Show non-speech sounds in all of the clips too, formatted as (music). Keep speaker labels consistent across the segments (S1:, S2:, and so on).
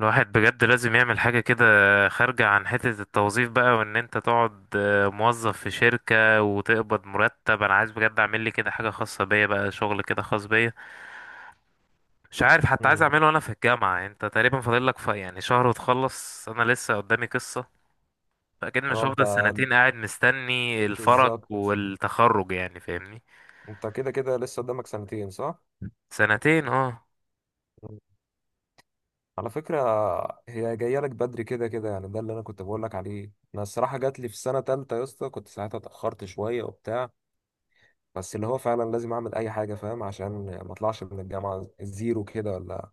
S1: الواحد بجد لازم يعمل حاجة كده خارجة عن حتة التوظيف بقى وان انت تقعد موظف في شركة وتقبض مرتب. انا عايز بجد اعمل لي كده حاجة خاصة بيا بقى، شغل كده خاص بيا. مش عارف حتى عايز
S2: امم.
S1: اعمله وانا في الجامعة. انت تقريبا فاضل لك يعني شهر وتخلص، انا لسه قدامي قصة. فاكيد
S2: اه،
S1: مش
S2: انت
S1: هفضل سنتين قاعد مستني الفرج
S2: بالظبط.
S1: والتخرج، يعني فاهمني؟
S2: انت كده كده لسه قدامك سنتين، صح؟
S1: سنتين اه.
S2: مم. على فكرة، هي جاية لك بدري كده كده، يعني ده اللي انا كنت بقول لك عليه. انا الصراحة جات لي في سنة تالتة يا اسطى، كنت ساعتها اتأخرت شوية وبتاع. بس اللي هو فعلا لازم اعمل اي حاجة، فاهم؟ عشان ما اطلعش من الجامعة زيرو كده، ولا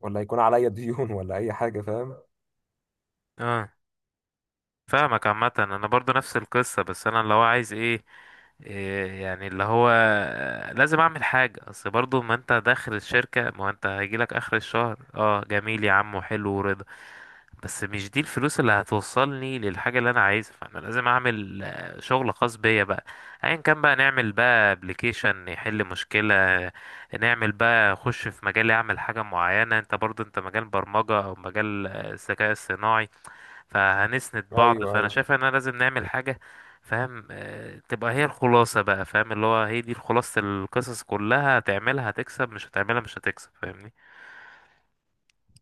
S2: ولا يكون عليا ديون (laughs) ولا اي حاجة، فاهم؟
S1: اه فاهمك. عامة انا برضو نفس القصة، بس انا لو عايز ايه، إيه يعني اللي هو، لازم اعمل حاجة. اصل برضو ما انت داخل الشركة، ما هو انت هيجيلك اخر الشهر، اه جميل يا عم وحلو ورضا. بس مش دي الفلوس اللي هتوصلني للحاجة اللي انا عايزها، فانا لازم اعمل شغل خاص بيا بقى. ايا كان بقى، نعمل بقى ابلكيشن يحل مشكلة، نعمل بقى اخش في مجال، اعمل حاجة معينة. انت برضو انت مجال برمجة او مجال الذكاء الصناعي، فهنسند بعض.
S2: ايوه،
S1: فانا
S2: ايوه.
S1: شايف ان انا لازم نعمل حاجه، فاهم؟ تبقى هي الخلاصه بقى، فاهم؟ اللي هو هي دي خلاصه القصص كلها: هتعملها هتكسب، مش هتعملها مش هتكسب، فاهمني؟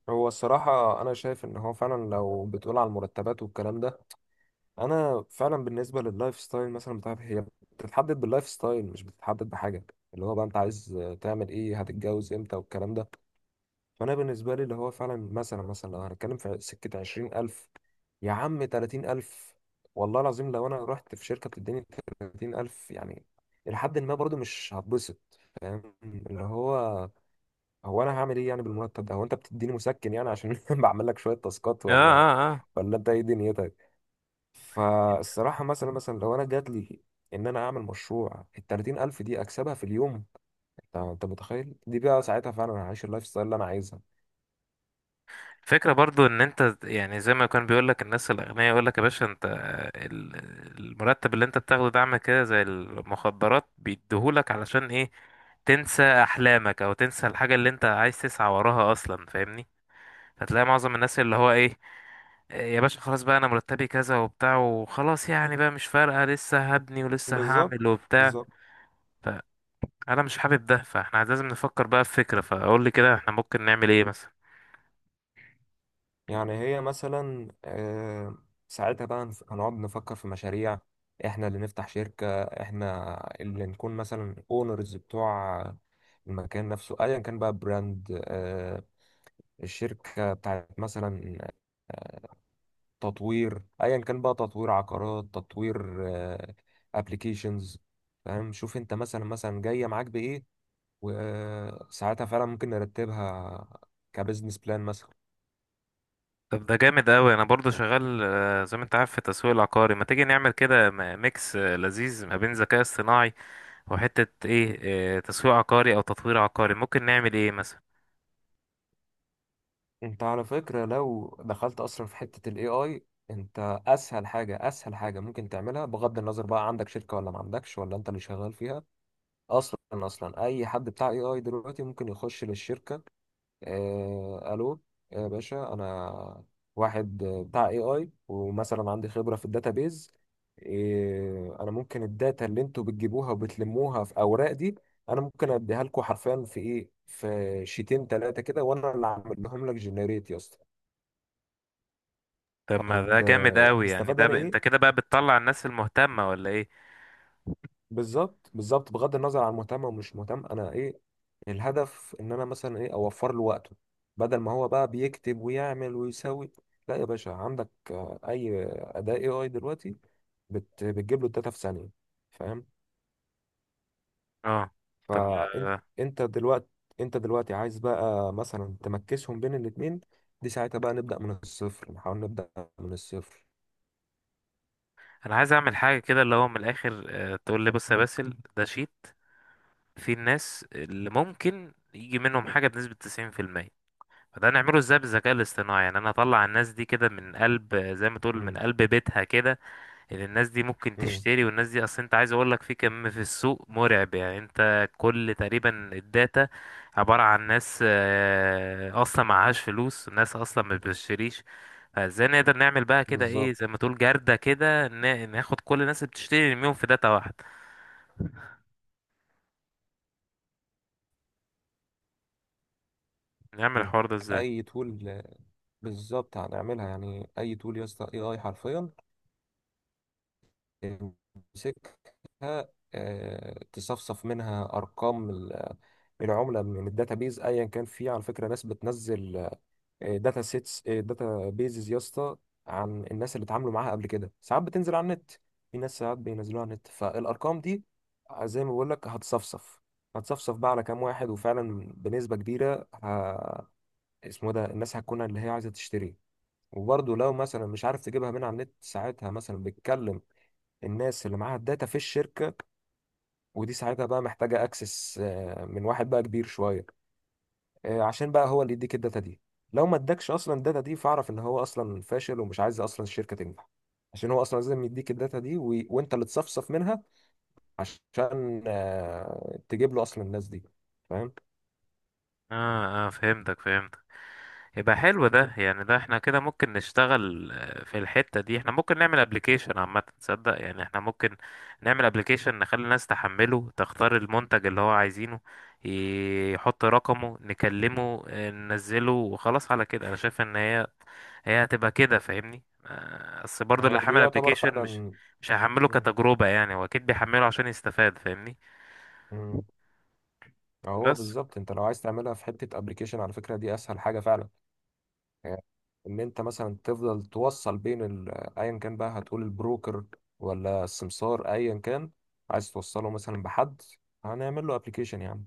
S2: هو الصراحة انا شايف ان هو فعلا، لو بتقول على المرتبات والكلام ده، انا فعلا بالنسبه لللايف ستايل مثلا بتاعتي هي بتتحدد باللايف ستايل، مش بتتحدد بحاجه اللي هو بقى انت عايز تعمل ايه، هتتجوز امتى والكلام ده. فانا بالنسبه لي اللي هو فعلا مثلا مثلا، لو هنتكلم في سكه 20,000، يا عم 30,000، والله العظيم لو انا رحت في شركه بتديني 30,000 يعني، لحد ما برضو مش هتبسط، فاهم؟ اللي هو هو انا هعمل ايه يعني بالمرتب ده؟ هو انت بتديني مسكن يعني عشان (laughs) بعمل لك شويه تاسكات،
S1: اه
S2: ولا
S1: اه اه
S2: ولا انت ايه دنيتك؟ فالصراحة مثلا مثلا لو أنا جات لي إن أنا أعمل مشروع الـ30,000 دي أكسبها في اليوم، أنت أنت متخيل؟ دي بقى ساعتها فعلا أنا هعيش اللايف ستايل اللي أنا عايزها.
S1: الفكرة برضو ان انت، يعني زي ما كان بيقول لك الناس الاغنياء، يقول لك يا باشا انت ال- المرتب اللي انت بتاخده ده عامل كده زي المخدرات، بيديهولك علشان ايه؟ تنسى احلامك، او تنسى الحاجة اللي انت عايز تسعى وراها اصلا، فاهمني؟ هتلاقي معظم الناس اللي هو ايه: يا باشا خلاص بقى، انا مرتبي كذا وبتاع وخلاص، يعني بقى مش فارقة، لسه هبني ولسه
S2: بالظبط،
S1: هعمل وبتاع.
S2: بالظبط.
S1: فانا مش حابب ده. فاحنا لازم نفكر بقى في فكرة، فاقول لي كده احنا ممكن نعمل ايه مثلا؟
S2: يعني هي مثلا ساعتها بقى هنقعد نفكر في مشاريع، احنا اللي نفتح شركة، احنا اللي نكون مثلا اونرز بتوع المكان نفسه ايا كان بقى براند، الشركة بتاعت مثلا تطوير، ايا كان بقى تطوير عقارات، تطوير ابلكيشنز. فاهم؟ شوف انت مثلا مثلا جايه معاك بايه، وساعتها فعلا ممكن نرتبها كبزنس بلان مثلا.
S1: طب ده جامد قوي. انا برضو شغال زي ما انت عارف في التسويق العقاري. ما تيجي نعمل كده ميكس لذيذ ما بين ذكاء اصطناعي وحتة ايه، تسويق عقاري او تطوير عقاري. ممكن نعمل ايه مثلا؟
S2: انت على فكره، لو دخلت اصلا في حته الاي اي، انت اسهل حاجه، اسهل حاجه ممكن تعملها بغض النظر بقى عندك شركه ولا ما عندكش ولا انت اللي شغال فيها. اصلا اصلا اي حد بتاع اي اي دلوقتي ممكن يخش للشركه. الو يا باشا، انا واحد بتاع اي اي، ومثلا عندي خبره في الداتابيز، انا ممكن الداتا اللي انتوا بتجيبوها وبتلموها في اوراق دي، انا ممكن اديها لكم حرفيا في ايه، في شيتين ثلاثه كده، وانا اللي اعمل لهم لك جنريت يا اسطى.
S1: طب ما ده
S2: طب
S1: جامد قوي يعني.
S2: هستفاد انا
S1: انت
S2: ايه؟
S1: كده بقى بتطلع الناس المهتمة ولا ايه؟
S2: بالظبط بالظبط، بغض النظر عن مهتم او مش مهتم، انا ايه الهدف؟ ان انا مثلا ايه، اوفر له وقته. بدل ما هو بقى بيكتب ويعمل ويسوي، لا يا باشا، عندك اي اداة اي اي دلوقتي بتجيب له الداتا في ثانية، فاهم؟
S1: اه. طب،
S2: فانت،
S1: آه،
S2: انت دلوقتي، انت دلوقتي عايز بقى مثلا تمكسهم بين الاتنين، دي ساعتها بقى نبدأ من الصفر، نحاول نبدأ من الصفر.
S1: انا عايز اعمل حاجه كده، اللي هو من الاخر تقول لي بص يا باسل، ده شيت في الناس اللي ممكن يجي منهم حاجه بنسبه 90%. فده نعمله ازاي بالذكاء الاصطناعي؟ يعني انا اطلع الناس دي كده من قلب، زي ما تقول من
S2: امم.
S1: قلب بيتها كده، ان الناس دي ممكن
S2: امم.
S1: تشتري. والناس دي اصلا، انت عايز اقول لك، في كم في السوق مرعب، يعني انت كل تقريبا الداتا عبارة عن ناس أصلا معهاش فلوس، ناس أصلا ما بتشتريش. فازاي نقدر نعمل بقى كده ايه،
S2: بالظبط.
S1: زي ما تقول جردة كده، ناخد كل الناس اللي بتشتري نرميهم في داتا واحد؟ نعمل
S2: مم.
S1: الحوار ده ازاي؟
S2: اي تول. بالظبط هنعملها يعني، اي تول يا اسطى، اي اي حرفيا تمسكها، تصفصف منها ارقام من عمله، من الداتابيز، ايا كان. في على فكره ناس بتنزل داتا سيتس، داتا بيزز يا اسطى، عن الناس اللي اتعاملوا معاها قبل كده. ساعات بتنزل على النت، في ناس ساعات بينزلوها على النت. فالارقام دي زي ما بقول لك هتصفصف، هتصفصف بقى على كام واحد، وفعلا بنسبه كبيره اسمه ده، الناس هتكون اللي هي عايزه تشتري. وبرضه لو مثلا مش عارف تجيبها من على النت، ساعتها مثلا بتكلم الناس اللي معاها الداتا في الشركة. ودي ساعتها بقى محتاجة اكسس من واحد بقى كبير شوية، عشان بقى هو اللي يديك الداتا دي. لو ما ادكش اصلا الداتا دي، فاعرف ان هو اصلا فاشل، ومش عايز اصلا الشركة تنجح، عشان هو اصلا لازم يديك الداتا دي وانت اللي تصفصف منها عشان تجيب له اصلا الناس دي، فاهم؟
S1: اه فهمتك، فهمت. يبقى حلو ده. يعني ده احنا كده ممكن نشتغل في الحتة دي. احنا ممكن نعمل ابلكيشن عامة، تصدق؟ يعني احنا ممكن نعمل ابلكيشن نخلي الناس تحمله، تختار المنتج اللي هو عايزينه، يحط رقمه، نكلمه ننزله، وخلاص على كده. انا شايف ان هي هتبقى كده، فاهمني؟ بس برضه
S2: هي
S1: اللي
S2: دي
S1: حمل
S2: يعتبر
S1: ابلكيشن،
S2: فعلا.
S1: مش هحمله
S2: مم.
S1: كتجربة، يعني هو اكيد بيحمله عشان يستفاد، فاهمني؟
S2: مم. هو
S1: بس
S2: بالظبط انت لو عايز تعملها في حتة ابلكيشن، على فكرة دي اسهل حاجة فعلا يعني، ان انت مثلا تفضل توصل بين ايا كان بقى هتقول البروكر، ولا السمسار ايا كان، عايز توصله مثلا بحد، هنعمل له ابلكيشن يعني،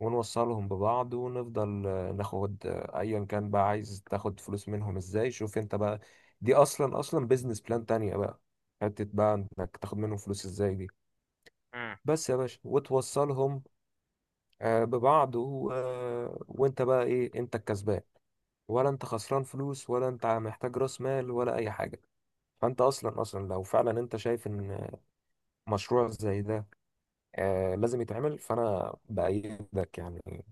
S2: ونوصلهم ببعض، ونفضل ناخد، ايا كان بقى عايز تاخد فلوس منهم ازاي، شوف انت بقى. دي اصلا اصلا بيزنس بلان تانية بقى، حتة بقى انك تاخد منهم فلوس ازاي دي،
S1: مم.
S2: بس يا باشا، وتوصلهم ببعض وانت بقى ايه، انت الكسبان ولا انت خسران فلوس، ولا انت محتاج راس مال، ولا اي حاجه. فانت اصلا اصلا لو فعلا انت شايف ان مشروع زي ده آه لازم يتعمل، فانا بايدك يعني.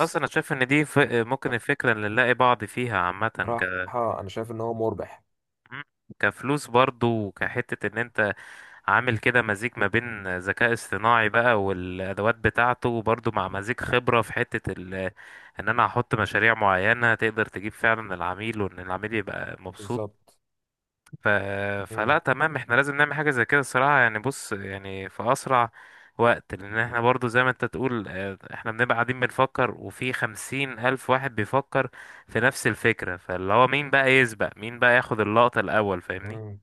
S1: بس انا شايف ان دي ممكن الفكرة اللي نلاقي بعض فيها عامة.
S2: الصراحه انا شايف ان هو مربح.
S1: مم. كفلوس برضو، وكحتة ان انت عامل كده مزيج ما بين ذكاء اصطناعي بقى والادوات بتاعته، وبرضو مع مزيج خبرة في حتة ال، ان انا هحط مشاريع معينة تقدر تجيب فعلا العميل، وان العميل يبقى مبسوط.
S2: بالظبط.
S1: ف... فلا
S2: مم.
S1: تمام، احنا لازم نعمل حاجة زي كده الصراحة، يعني بص، يعني في اسرع وقت. لان احنا برضو زي ما انت تقول احنا بنبقى قاعدين بنفكر، وفي 50,000 واحد بيفكر في نفس الفكرة. فاللي هو مين بقى يسبق، مين بقى ياخد اللقطة الاول، فاهمني؟
S2: مم.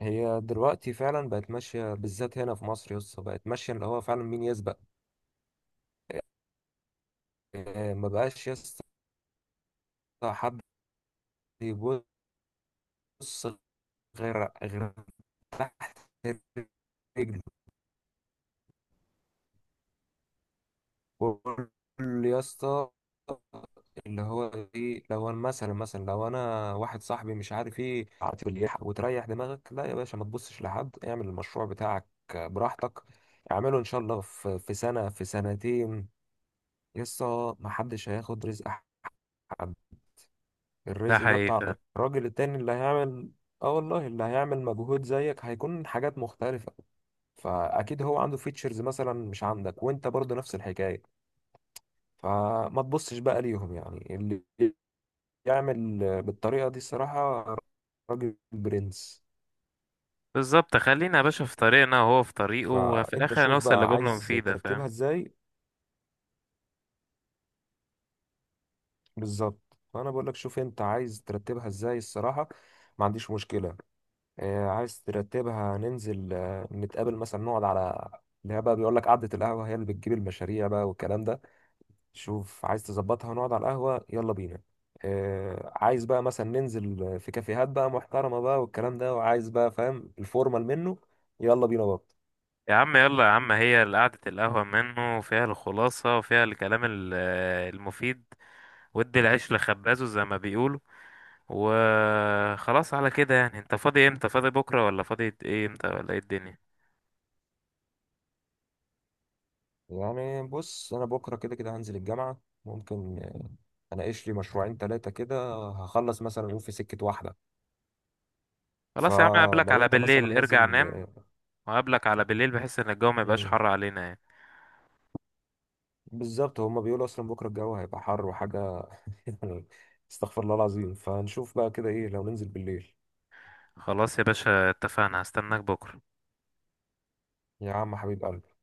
S2: هي دلوقتي فعلا بقت ماشيه، بالذات هنا في مصر يسطا، بقت ماشيه اللي هو فعلا مين يسبق. آه، ما بقاش يسطا حد يبص غير تحت رجله. قول يا اسطى اللي هو ايه، لو انا مثلا مثلا لو انا واحد صاحبي مش عارف ايه عاطف اللي يلحق، وتريح دماغك، لا يا باشا ما تبصش لحد، اعمل المشروع بتاعك براحتك، اعمله ان شاء الله في سنة في سنتين، لسه ما حدش هياخد رزق حد،
S1: ده
S2: الرزق ده
S1: حقيقي،
S2: بتاع
S1: فاهم.
S2: الراجل التاني اللي هيعمل. اه والله، اللي هيعمل مجهود زيك، هيكون حاجات مختلفة، فاكيد هو عنده فيتشرز مثلا مش عندك، وانت برضه نفس الحكاية. فما تبصش بقى ليهم، يعني اللي يعمل بالطريقة دي الصراحة، راجل برنس.
S1: بالظبط. خلينا يا باشا في طريقنا، وهو في طريقه، وفي
S2: فانت
S1: الاخر
S2: شوف
S1: هنوصل
S2: بقى
S1: لجملة
S2: عايز
S1: مفيدة،
S2: ترتبها
S1: فاهم؟
S2: ازاي. بالظبط. فانا بقول لك شوف انت عايز ترتبها ازاي، الصراحة ما عنديش مشكلة. عايز ترتبها ننزل نتقابل مثلا، نقعد على اللي هي بقى بيقول لك قعدة القهوة، هي اللي بتجيب المشاريع بقى والكلام ده، شوف عايز تظبطها ونقعد على القهوة، يلا بينا. آه عايز بقى مثلا ننزل في كافيهات بقى محترمة بقى والكلام ده، وعايز بقى فاهم الفورمال منه، يلا بينا برضه.
S1: يا عم يلا يا عم. هي قعدة القهوة منه، وفيها الخلاصة، وفيها الكلام المفيد. ودي العيش لخبازه زي ما بيقولوا. وخلاص على كده. يعني انت فاضي امتى؟ فاضي بكرة ولا فاضي ايه امتى، ولا ايه الدنيا؟
S2: يعني بص، أنا بكرة كده كده هنزل الجامعة، ممكن أناقش لي مشروعين تلاتة كده هخلص مثلا، يقول في سكة واحدة.
S1: خلاص يا عم، اقابلك
S2: فلو
S1: على
S2: أنت مثلا
S1: بالليل ارجع
S2: نازل،
S1: نام، وقابلك على بالليل بحيث ان الجو ما يبقاش
S2: مم،
S1: حر علينا يعني.
S2: بالظبط. هما بيقولوا أصلا بكرة الجو هيبقى حر وحاجة (laughs) يعني، استغفر الله العظيم. فنشوف بقى كده إيه، لو ننزل بالليل.
S1: خلاص يا باشا، اتفقنا، هستناك بكرة.
S2: يا عم حبيب قلبي.